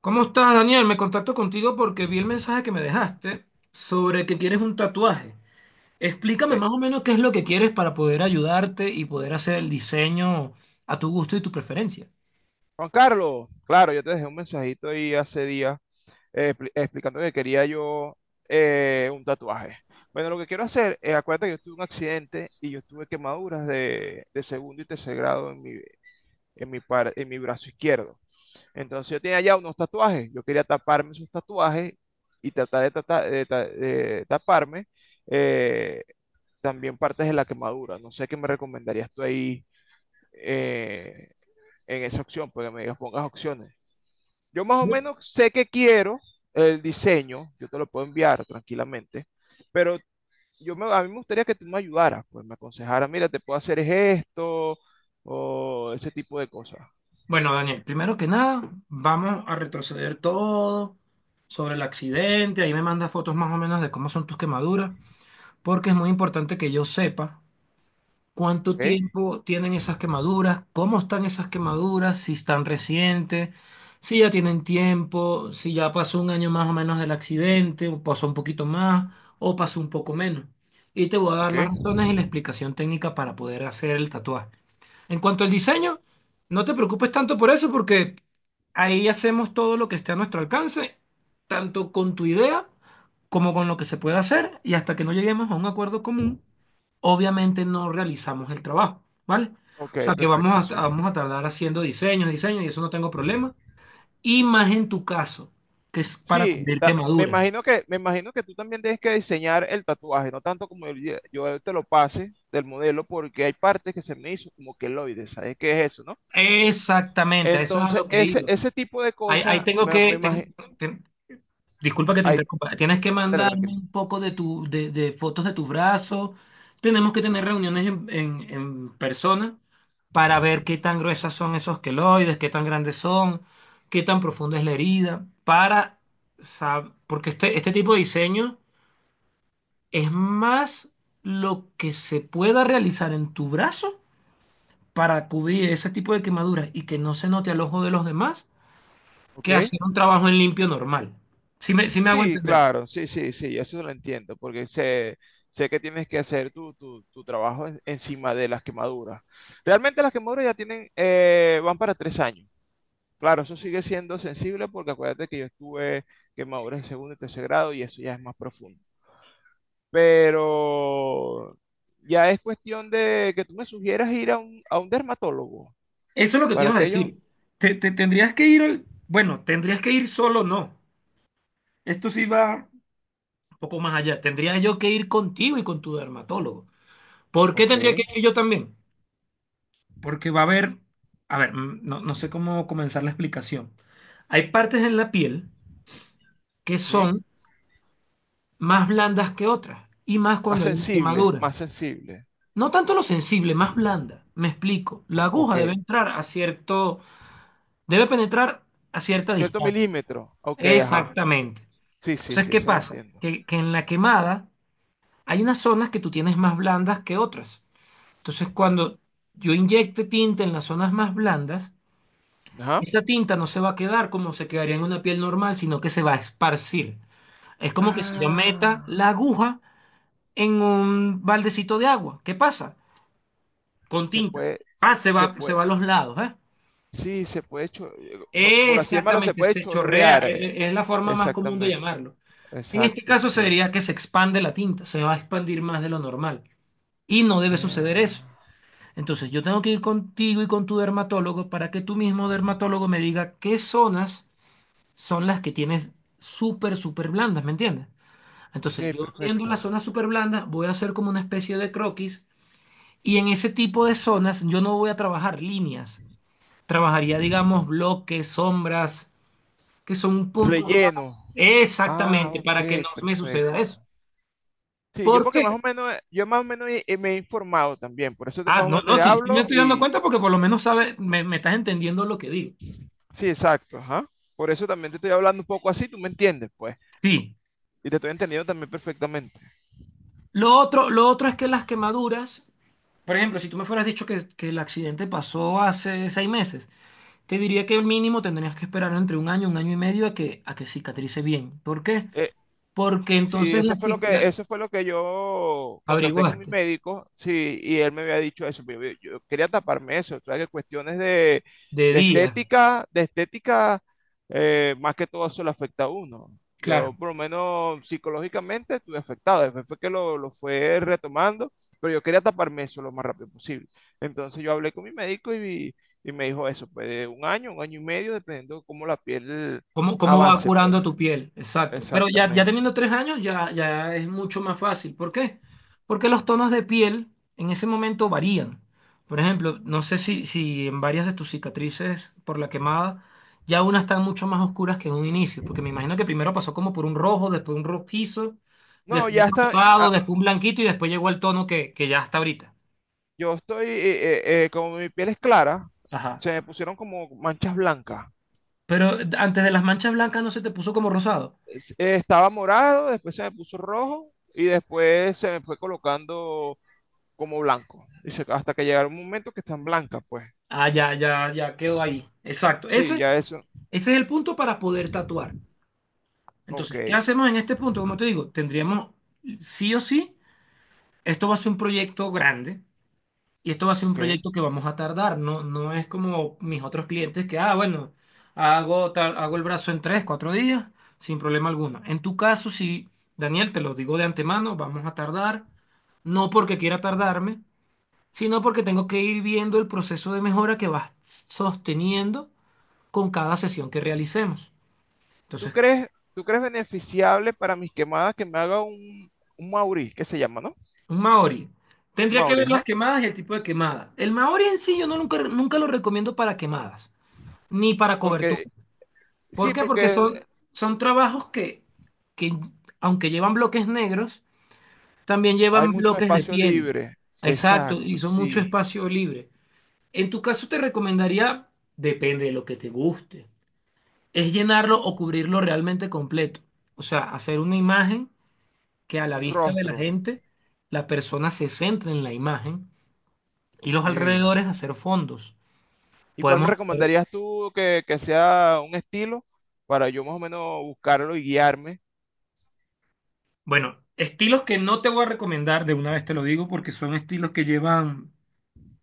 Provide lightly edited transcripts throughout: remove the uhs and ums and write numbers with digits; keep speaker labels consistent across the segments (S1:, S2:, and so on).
S1: ¿Cómo estás, Daniel? Me contacto contigo
S2: Eh,
S1: porque vi el mensaje que me dejaste sobre que quieres un tatuaje. Explícame más o menos qué es lo que quieres para poder ayudarte y poder hacer el diseño a tu gusto y tu preferencia.
S2: Juan Carlos, claro, yo te dejé un mensajito ahí hace días, explicando que quería yo un tatuaje. Bueno, lo que quiero hacer, es acuérdate que yo tuve un accidente y yo tuve quemaduras de segundo y tercer grado en en mi brazo izquierdo. Entonces yo tenía ya unos tatuajes, yo quería taparme esos tatuajes y tratar de taparme eh, también partes de la quemadura. No sé qué me recomendarías tú ahí eh, en esa opción, porque me digas, pongas opciones. Yo más o menos sé que quiero el diseño, yo te lo puedo enviar tranquilamente, pero a mí me gustaría que tú me ayudaras, pues me aconsejaras, mira, te puedo hacer esto o ese tipo de cosas,
S1: Bueno, Daniel, primero que nada, vamos a retroceder todo sobre el accidente. Ahí me mandas fotos más o menos de cómo son tus quemaduras, porque es muy importante que yo sepa ¿cuánto
S2: ¿ok?
S1: tiempo tienen esas quemaduras? ¿Cómo están esas quemaduras? Si están recientes, si ya tienen tiempo, si ya pasó un año más o menos del accidente, o pasó un poquito más, o pasó un poco menos. Y te voy a dar
S2: Ok,
S1: las razones y la explicación técnica para poder hacer el tatuaje. En cuanto al diseño, no te preocupes tanto por eso, porque ahí hacemos todo lo que esté a nuestro alcance, tanto con tu idea como con lo que se puede hacer, y hasta que no lleguemos a un acuerdo común obviamente no realizamos el trabajo, ¿vale? O
S2: ok,
S1: sea que vamos
S2: perfecto,
S1: a,
S2: sí.
S1: vamos a tardar haciendo diseños, diseños, y eso no tengo problema. Y más en tu caso, que es para
S2: Sí,
S1: cubrir quemaduras.
S2: me imagino que tú también tienes que diseñar el tatuaje, no tanto como yo te lo pase del modelo, porque hay partes que se me hizo como queloides, ¿sabes qué es eso, no?
S1: Exactamente, a eso es a
S2: Entonces,
S1: lo que
S2: ese,
S1: iba.
S2: ese tipo de
S1: Ahí, ahí
S2: cosas,
S1: tengo
S2: me
S1: que,
S2: imagino.
S1: ten- ten- disculpa que te
S2: Ahí,
S1: interrumpa. Tienes que
S2: dale,
S1: mandarme
S2: tranquilo.
S1: un poco de fotos de tu brazo. Tenemos que tener reuniones en persona para ver qué tan gruesas son esos queloides, qué tan grandes son, qué tan profunda es la herida, para porque este tipo de diseño es más lo que se pueda realizar en tu brazo para cubrir ese tipo de quemaduras y que no se note al ojo de los demás
S2: ¿Ok?
S1: que hacer un trabajo en limpio normal. Si me, sí me hago
S2: Sí,
S1: entender.
S2: claro, sí, sí, sí, eso lo entiendo, porque sé, sé que tienes que hacer tu trabajo encima de las quemaduras. Realmente las quemaduras ya tienen, van para 3 años. Claro, eso sigue siendo sensible porque acuérdate que yo estuve quemaduras en segundo y tercer grado y eso ya es más profundo. Pero ya es cuestión de que tú me sugieras ir a un dermatólogo.
S1: Eso es lo que te
S2: ¿Para
S1: iba a
S2: que yo?
S1: decir. Te tendrías que ir, bueno, tendrías que ir solo, no. Esto sí va un poco más allá. Tendría yo que ir contigo y con tu dermatólogo. ¿Por qué
S2: Ok.
S1: tendría que ir yo también? Porque va a haber, a ver, no, no sé cómo comenzar la explicación. Hay partes en la piel que
S2: ¿Sí?
S1: son más blandas que otras, y más
S2: Más
S1: cuando hay una
S2: sensible,
S1: quemadura.
S2: más sensible.
S1: No tanto lo sensible, más blanda. Me explico. La aguja
S2: Ok.
S1: debe entrar a cierto, debe penetrar a cierta
S2: Cierto
S1: distancia.
S2: milímetro. Ok, ajá.
S1: Exactamente.
S2: Sí, sí,
S1: Entonces,
S2: sí,
S1: ¿qué
S2: eso lo
S1: pasa?
S2: entiendo.
S1: Que en la quemada hay unas zonas que tú tienes más blandas que otras. Entonces, cuando yo inyecte tinta en las zonas más blandas,
S2: Ajá.
S1: esa tinta no se va a quedar como se quedaría en una piel normal, sino que se va a esparcir. Es como que si yo meta
S2: Ah,
S1: la aguja en un baldecito de agua. ¿Qué pasa? Con
S2: se
S1: tinta.
S2: puede,
S1: Ah,
S2: se
S1: se
S2: puede,
S1: va a los lados, ¿eh?
S2: sí, se puede, por así llamarlo, se
S1: Exactamente,
S2: puede
S1: se chorrea.
S2: chorrear.
S1: Es la forma más común de
S2: Exactamente.
S1: llamarlo. En este
S2: Exacto,
S1: caso se
S2: sí.
S1: diría que se expande la tinta, se va a expandir más de lo normal. Y no debe suceder
S2: Eh,
S1: eso. Entonces, yo tengo que ir contigo y con tu dermatólogo para que tu mismo dermatólogo me diga qué zonas son las que tienes súper, súper blandas, ¿me entiendes? Entonces,
S2: ok,
S1: yo viendo las
S2: perfecto.
S1: zonas súper blandas, voy a hacer como una especie de croquis y en ese tipo de zonas yo no voy a trabajar líneas. Trabajaría, digamos, bloques, sombras, que son puntos más-
S2: Relleno. Ah,
S1: Exactamente, para que
S2: ok,
S1: no me suceda eso.
S2: perfecto. Sí, yo
S1: ¿Por
S2: porque
S1: qué?
S2: más o menos, yo más o menos me he informado también,
S1: Ah,
S2: más o
S1: no,
S2: menos
S1: no,
S2: te
S1: sí, sí me
S2: hablo
S1: estoy dando
S2: y,
S1: cuenta porque por lo menos sabes, me estás entendiendo lo que digo.
S2: sí, exacto, ajá. Por eso también te estoy hablando un poco así, tú me entiendes, pues.
S1: Sí.
S2: Y te estoy entendiendo también perfectamente.
S1: Lo otro es que las quemaduras, por ejemplo, si tú me fueras dicho que el accidente pasó hace 6 meses, te diría que el mínimo tendrías que esperar entre un año y medio a que cicatrice bien. ¿Por qué?
S2: Eh,
S1: Porque
S2: Sí,
S1: entonces
S2: eso fue lo que, eso fue lo que yo contacté con mi
S1: averiguaste
S2: médico, sí, y él me había dicho eso. Pero yo quería taparme eso, o sea, que cuestiones de,
S1: de
S2: de
S1: día.
S2: estética, de estética, más que todo eso le afecta a uno.
S1: Claro.
S2: Yo, por lo menos psicológicamente, estuve afectado. Después fue que lo fue retomando, pero yo quería taparme eso lo más rápido posible. Entonces yo hablé con mi médico y me dijo eso, pues de un año y medio, dependiendo de cómo la piel
S1: Cómo, cómo va
S2: avance, pues,
S1: curando tu piel. Exacto. Pero ya, ya
S2: exactamente.
S1: teniendo 3 años ya, ya es mucho más fácil. ¿Por qué? Porque los tonos de piel en ese momento varían. Por ejemplo, no sé si en varias de tus cicatrices por la quemada ya unas están mucho más oscuras que en un inicio, porque me imagino que primero pasó como por un rojo, después un rojizo,
S2: No,
S1: después un
S2: ya está.
S1: rosado, después un blanquito y después llegó al tono que ya está ahorita.
S2: Yo estoy, como mi piel es clara,
S1: Ajá.
S2: se me pusieron como manchas blancas.
S1: Pero antes de las manchas blancas no se te puso como rosado.
S2: Estaba morado, después se me puso rojo y después se me fue colocando como blanco. Y hasta que llegaron un momento que están blancas, pues.
S1: Ah, ya, ya, ya quedó ahí. Exacto.
S2: Sí, ya eso.
S1: Ese es el punto para poder tatuar. Entonces, ¿qué
S2: Ok,
S1: hacemos en este punto? Como te digo, tendríamos, sí o sí, esto va a ser un proyecto grande y esto va a ser un
S2: ok.
S1: proyecto que vamos a tardar. No, no es como mis otros clientes que, ah, bueno, hago, hago el brazo en 3, 4 días, sin problema alguno. En tu caso, sí, Daniel, te lo digo de antemano, vamos a tardar, no porque quiera tardarme, sino porque tengo que ir viendo el proceso de mejora que vas sosteniendo con cada sesión que realicemos.
S2: ¿Tú
S1: Entonces,
S2: crees, tú crees beneficiable para mis quemadas que me haga un Mauri, que se llama, no?
S1: un Maori. Tendría que
S2: Mauri,
S1: ver las
S2: ajá.
S1: quemadas y el tipo de quemada. El Maori en sí yo no nunca, nunca lo recomiendo para quemadas, ni para cobertura.
S2: Porque,
S1: ¿Por
S2: sí,
S1: qué? Porque
S2: porque
S1: son, son trabajos que, aunque llevan bloques negros, también
S2: hay
S1: llevan
S2: mucho
S1: bloques de
S2: espacio
S1: piel.
S2: libre.
S1: Exacto, y
S2: Exacto,
S1: son mucho
S2: sí.
S1: espacio libre. En tu caso te recomendaría, depende de lo que te guste, es llenarlo o cubrirlo realmente completo. O sea, hacer una imagen que a la
S2: Un
S1: vista de la
S2: rostro.
S1: gente, la persona se centre en la imagen y los
S2: Ok.
S1: alrededores hacer fondos.
S2: ¿Y cuál me
S1: Podemos hacer,
S2: recomendarías tú que sea un estilo para yo más o menos buscarlo y guiarme?
S1: bueno, estilos que no te voy a recomendar, de una vez te lo digo, porque son estilos que llevan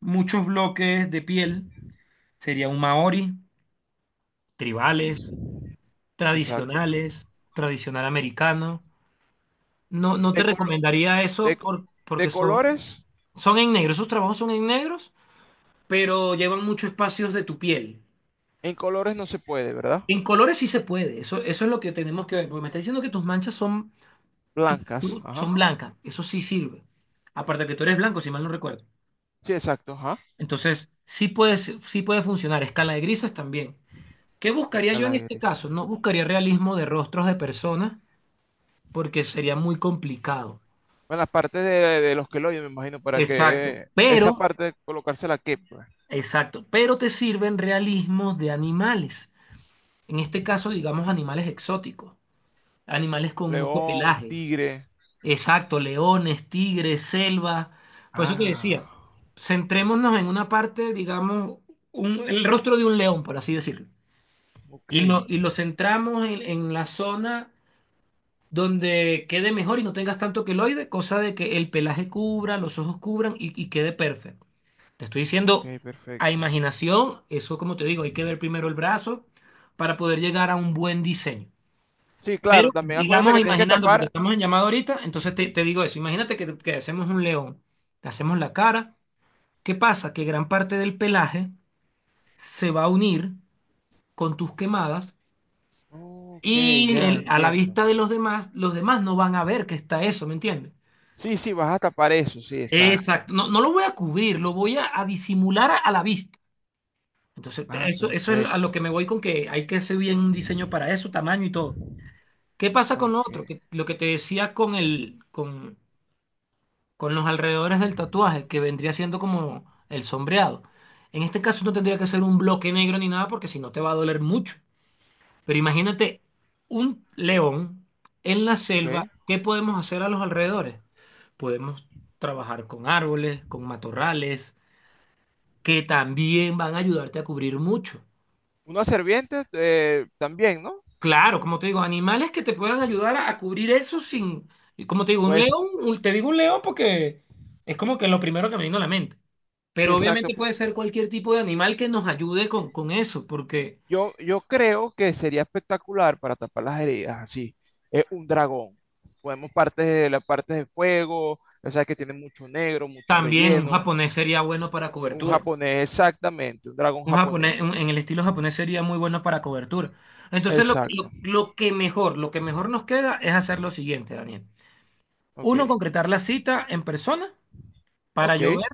S1: muchos bloques de piel. Sería un maori, tribales,
S2: Ujú, exacto.
S1: tradicionales, tradicional americano. No, no te
S2: De, colo-
S1: recomendaría
S2: de
S1: eso
S2: co- de
S1: porque son,
S2: colores,
S1: son en negro, esos trabajos son en negros, pero llevan muchos espacios de tu piel.
S2: en colores no se puede, ¿verdad?
S1: En colores sí se puede, eso es lo que tenemos que ver, porque me está diciendo que tus manchas son
S2: Blancas, ajá.
S1: son blancas, eso sí sirve. Aparte que tú eres blanco, si mal no recuerdo.
S2: Sí, exacto, ajá.
S1: Entonces, sí puede, sí puede funcionar. Escala de grises también. ¿Qué buscaría yo
S2: Escala
S1: en
S2: de
S1: este
S2: gris.
S1: caso? No buscaría realismo de rostros de personas porque sería muy complicado.
S2: Bueno, las partes de los que lo oyen, me imagino, para que
S1: Exacto.
S2: esa
S1: Pero,
S2: parte colocársela qué, pues.
S1: exacto, pero te sirven realismos de animales. En este caso,
S2: Mm,
S1: digamos animales exóticos, animales con mucho
S2: león, un
S1: pelaje.
S2: tigre.
S1: Exacto, leones, tigres, selva. Por eso te
S2: Ah,
S1: decía, centrémonos en una parte, digamos, el rostro de un león, por así decirlo.
S2: ok,
S1: Y lo centramos en la zona donde quede mejor y no tengas tanto queloide, cosa de que el pelaje cubra, los ojos cubran y quede perfecto. Te estoy diciendo
S2: ok,
S1: a
S2: perfecto.
S1: imaginación, eso como te digo, hay que ver primero el brazo para poder llegar a un buen diseño.
S2: Sí,
S1: Pero
S2: claro, también acuérdate
S1: digamos,
S2: que tienes que
S1: imaginando, porque
S2: tapar.
S1: estamos en llamada ahorita, entonces te digo eso, imagínate que hacemos un león, le hacemos la cara, ¿qué pasa? Que gran parte del pelaje se va a unir con tus quemadas
S2: Ok,
S1: y
S2: ya
S1: a la
S2: entiendo.
S1: vista de los demás no van a ver que está eso, ¿me entiendes?
S2: Sí, sí, vas a tapar eso, sí, exacto.
S1: Exacto, no, no lo voy a cubrir, lo voy a disimular a la vista. Entonces,
S2: Ah,
S1: eso, eso es a lo que
S2: perfecto.
S1: me voy con que hay que hacer bien un diseño para eso, tamaño y todo. ¿Qué pasa con lo
S2: Ok,
S1: otro? Que, lo que te decía con con los alrededores del tatuaje, que vendría siendo como el sombreado. En este caso no tendría que ser un bloque negro ni nada porque si no te va a doler mucho. Pero imagínate un león en la
S2: ok.
S1: selva, ¿qué podemos hacer a los alrededores? Podemos trabajar con árboles, con matorrales, que también van a ayudarte a cubrir mucho.
S2: Una serviente también, ¿no?
S1: Claro, como te digo, animales que te puedan ayudar a cubrir eso sin, y como te digo, un
S2: Pues,
S1: león, te digo un león porque es como que lo primero que me vino a la mente.
S2: sí,
S1: Pero
S2: exacto.
S1: obviamente puede ser cualquier tipo de animal que nos ayude con eso, porque
S2: Yo creo que sería espectacular para tapar las heridas, así. Es un dragón. Podemos partes de las partes de fuego, o sea que tiene mucho negro, mucho
S1: también un
S2: relleno.
S1: japonés sería bueno para
S2: Un
S1: cobertura.
S2: japonés, exactamente, un dragón
S1: Un
S2: japonés.
S1: japonés, en el estilo japonés sería muy bueno para cobertura. Entonces
S2: Exacto.
S1: lo que mejor nos queda es hacer lo siguiente, Daniel.
S2: Ok,
S1: Uno, concretar la cita en persona para
S2: ok,
S1: llover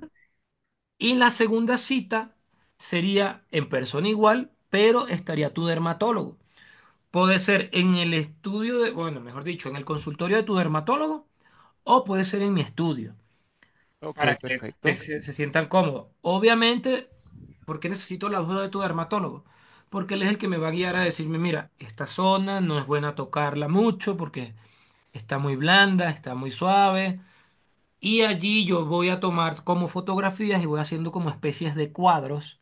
S1: Y la segunda cita sería en persona igual, pero estaría tu dermatólogo. Puede ser en el estudio de, bueno, mejor dicho, en el consultorio de tu dermatólogo o puede ser en mi estudio, para
S2: ok,
S1: que
S2: perfecto.
S1: se, se sientan cómodos. Obviamente, ¿por qué necesito la ayuda de tu dermatólogo? Porque él es el que me va a guiar a decirme, mira, esta zona no es buena tocarla mucho porque está muy blanda, está muy suave. Y allí yo voy a tomar como fotografías y voy haciendo como especies de cuadros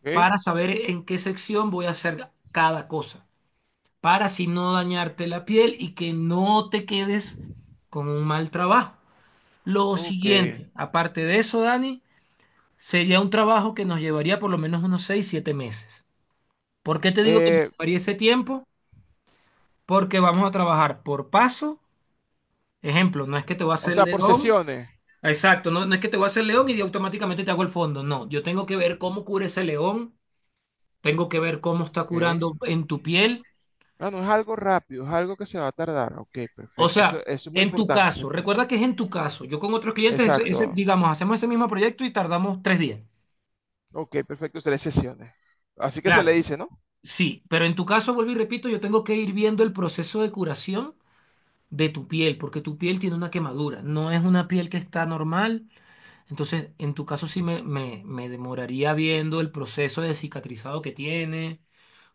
S2: Ok,
S1: para saber en qué sección voy a hacer cada cosa, para así no dañarte la piel y que no te quedes con un mal trabajo. Lo, ok,
S2: ok.
S1: siguiente, aparte de eso, Dani, sería un trabajo que nos llevaría por lo menos unos 6, 7 meses. ¿Por qué te digo que nos
S2: Eh,
S1: llevaría ese tiempo? Porque vamos a trabajar por paso. Ejemplo, no es que te voy a
S2: o
S1: hacer
S2: sea, por
S1: león.
S2: sesiones.
S1: Exacto, no, no es que te voy a hacer león y automáticamente te hago el fondo. No, yo tengo que ver cómo cura ese león, tengo que ver cómo está
S2: Ok.
S1: curando en tu piel.
S2: No, no es algo rápido, es algo que se va a tardar. Ok,
S1: O
S2: perfecto. Eso,
S1: sea,
S2: eso es muy
S1: en tu
S2: importante, ese
S1: caso,
S2: punto.
S1: recuerda que es en tu caso. Yo con otros clientes,
S2: Exacto.
S1: ese, digamos, hacemos ese mismo proyecto y tardamos 3 días.
S2: Ok, perfecto, tres sesiones. Así que se le
S1: Claro,
S2: dice, ¿no?
S1: sí, pero en tu caso, vuelvo y repito, yo tengo que ir viendo el proceso de curación de tu piel, porque tu piel tiene una quemadura, no es una piel que está normal. Entonces, en tu caso sí me demoraría viendo el proceso de cicatrizado que tiene,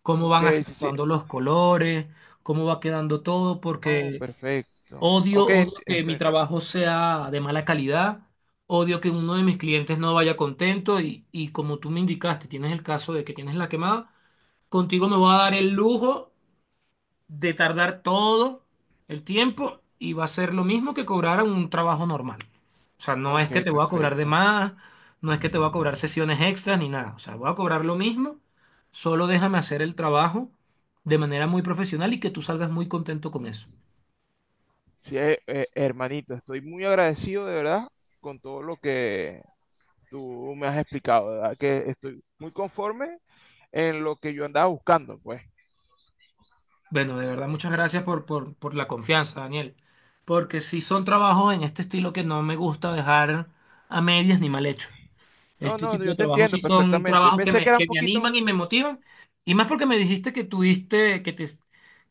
S1: cómo
S2: Ok,
S1: van
S2: sí, sí.
S1: acentuando los colores, cómo va quedando todo,
S2: Oh,
S1: porque
S2: perfecto.
S1: odio,
S2: Ok, ent-
S1: odio que mi
S2: estoy-
S1: trabajo sea de mala calidad, odio que uno de mis clientes no vaya contento y como tú me indicaste, tienes el caso de que tienes la quemada, contigo me voy a
S2: sí,
S1: dar el lujo de tardar todo el tiempo y va a ser lo mismo que cobrar un trabajo normal. O sea, no es que
S2: ok,
S1: te voy a cobrar de
S2: perfecto.
S1: más, no es que te voy a cobrar sesiones extras ni nada, o sea, voy a cobrar lo mismo, solo déjame hacer el trabajo de manera muy profesional y que tú salgas muy contento con eso.
S2: Sí, hermanito, estoy muy agradecido de verdad con todo lo que tú me has explicado, de verdad que estoy muy conforme en lo que yo andaba buscando, pues.
S1: Bueno, de verdad, muchas gracias por la confianza, Daniel. Porque si son trabajos en este estilo que no me gusta dejar a medias ni mal hecho.
S2: No,
S1: Este
S2: no,
S1: tipo de
S2: yo te
S1: trabajos sí
S2: entiendo
S1: son
S2: perfectamente.
S1: trabajos que
S2: Pensé que
S1: me,
S2: era un
S1: que me
S2: poquito...
S1: animan y me motivan. Y más porque me dijiste que tuviste, que te,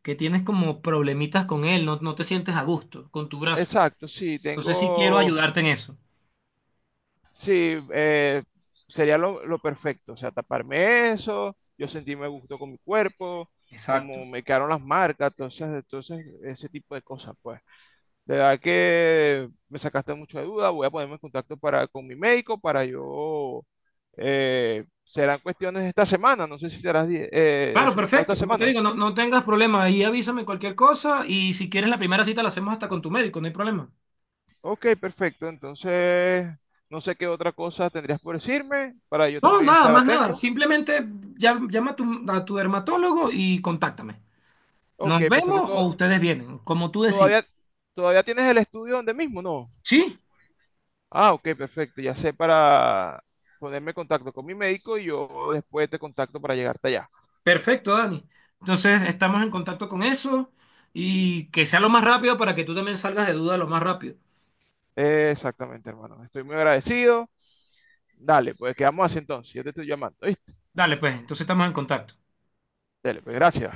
S1: que tienes como problemitas con él, no, no te sientes a gusto con tu brazo.
S2: Exacto, sí,
S1: Entonces sí quiero
S2: tengo...
S1: ayudarte en eso.
S2: Sí, sería lo perfecto. O sea, taparme eso, yo sentirme a gusto con mi cuerpo, como
S1: Exacto.
S2: me quedaron las marcas, entonces, entonces ese tipo de cosas, pues. De verdad que me sacaste mucho de duda, voy a ponerme en contacto para, con mi médico para yo... serán cuestiones de esta semana, no sé si serás
S1: Claro,
S2: desocupado esta
S1: perfecto. Como te
S2: semana.
S1: digo, no, no tengas problema. Ahí avísame cualquier cosa y si quieres la primera cita la hacemos hasta con tu médico, no hay problema.
S2: Ok, perfecto. Entonces, no sé qué otra cosa tendrías por decirme para yo
S1: No,
S2: también
S1: nada,
S2: estar
S1: más nada.
S2: atento.
S1: Simplemente llama a tu dermatólogo y contáctame. ¿Nos
S2: Ok, perfecto.
S1: vemos o ustedes vienen? Como tú decides.
S2: Todavía, todavía tienes el estudio donde mismo, ¿no?
S1: Sí,
S2: Ah, ok, perfecto. Ya sé para ponerme en contacto con mi médico y yo después te contacto para llegarte allá.
S1: perfecto, Dani. Entonces estamos en contacto con eso y que sea lo más rápido para que tú también salgas de duda lo más rápido.
S2: Exactamente, hermano. Estoy muy agradecido. Dale, pues quedamos así entonces. Yo te estoy llamando, ¿viste?
S1: Dale, pues, entonces estamos en contacto.
S2: Dale, pues gracias.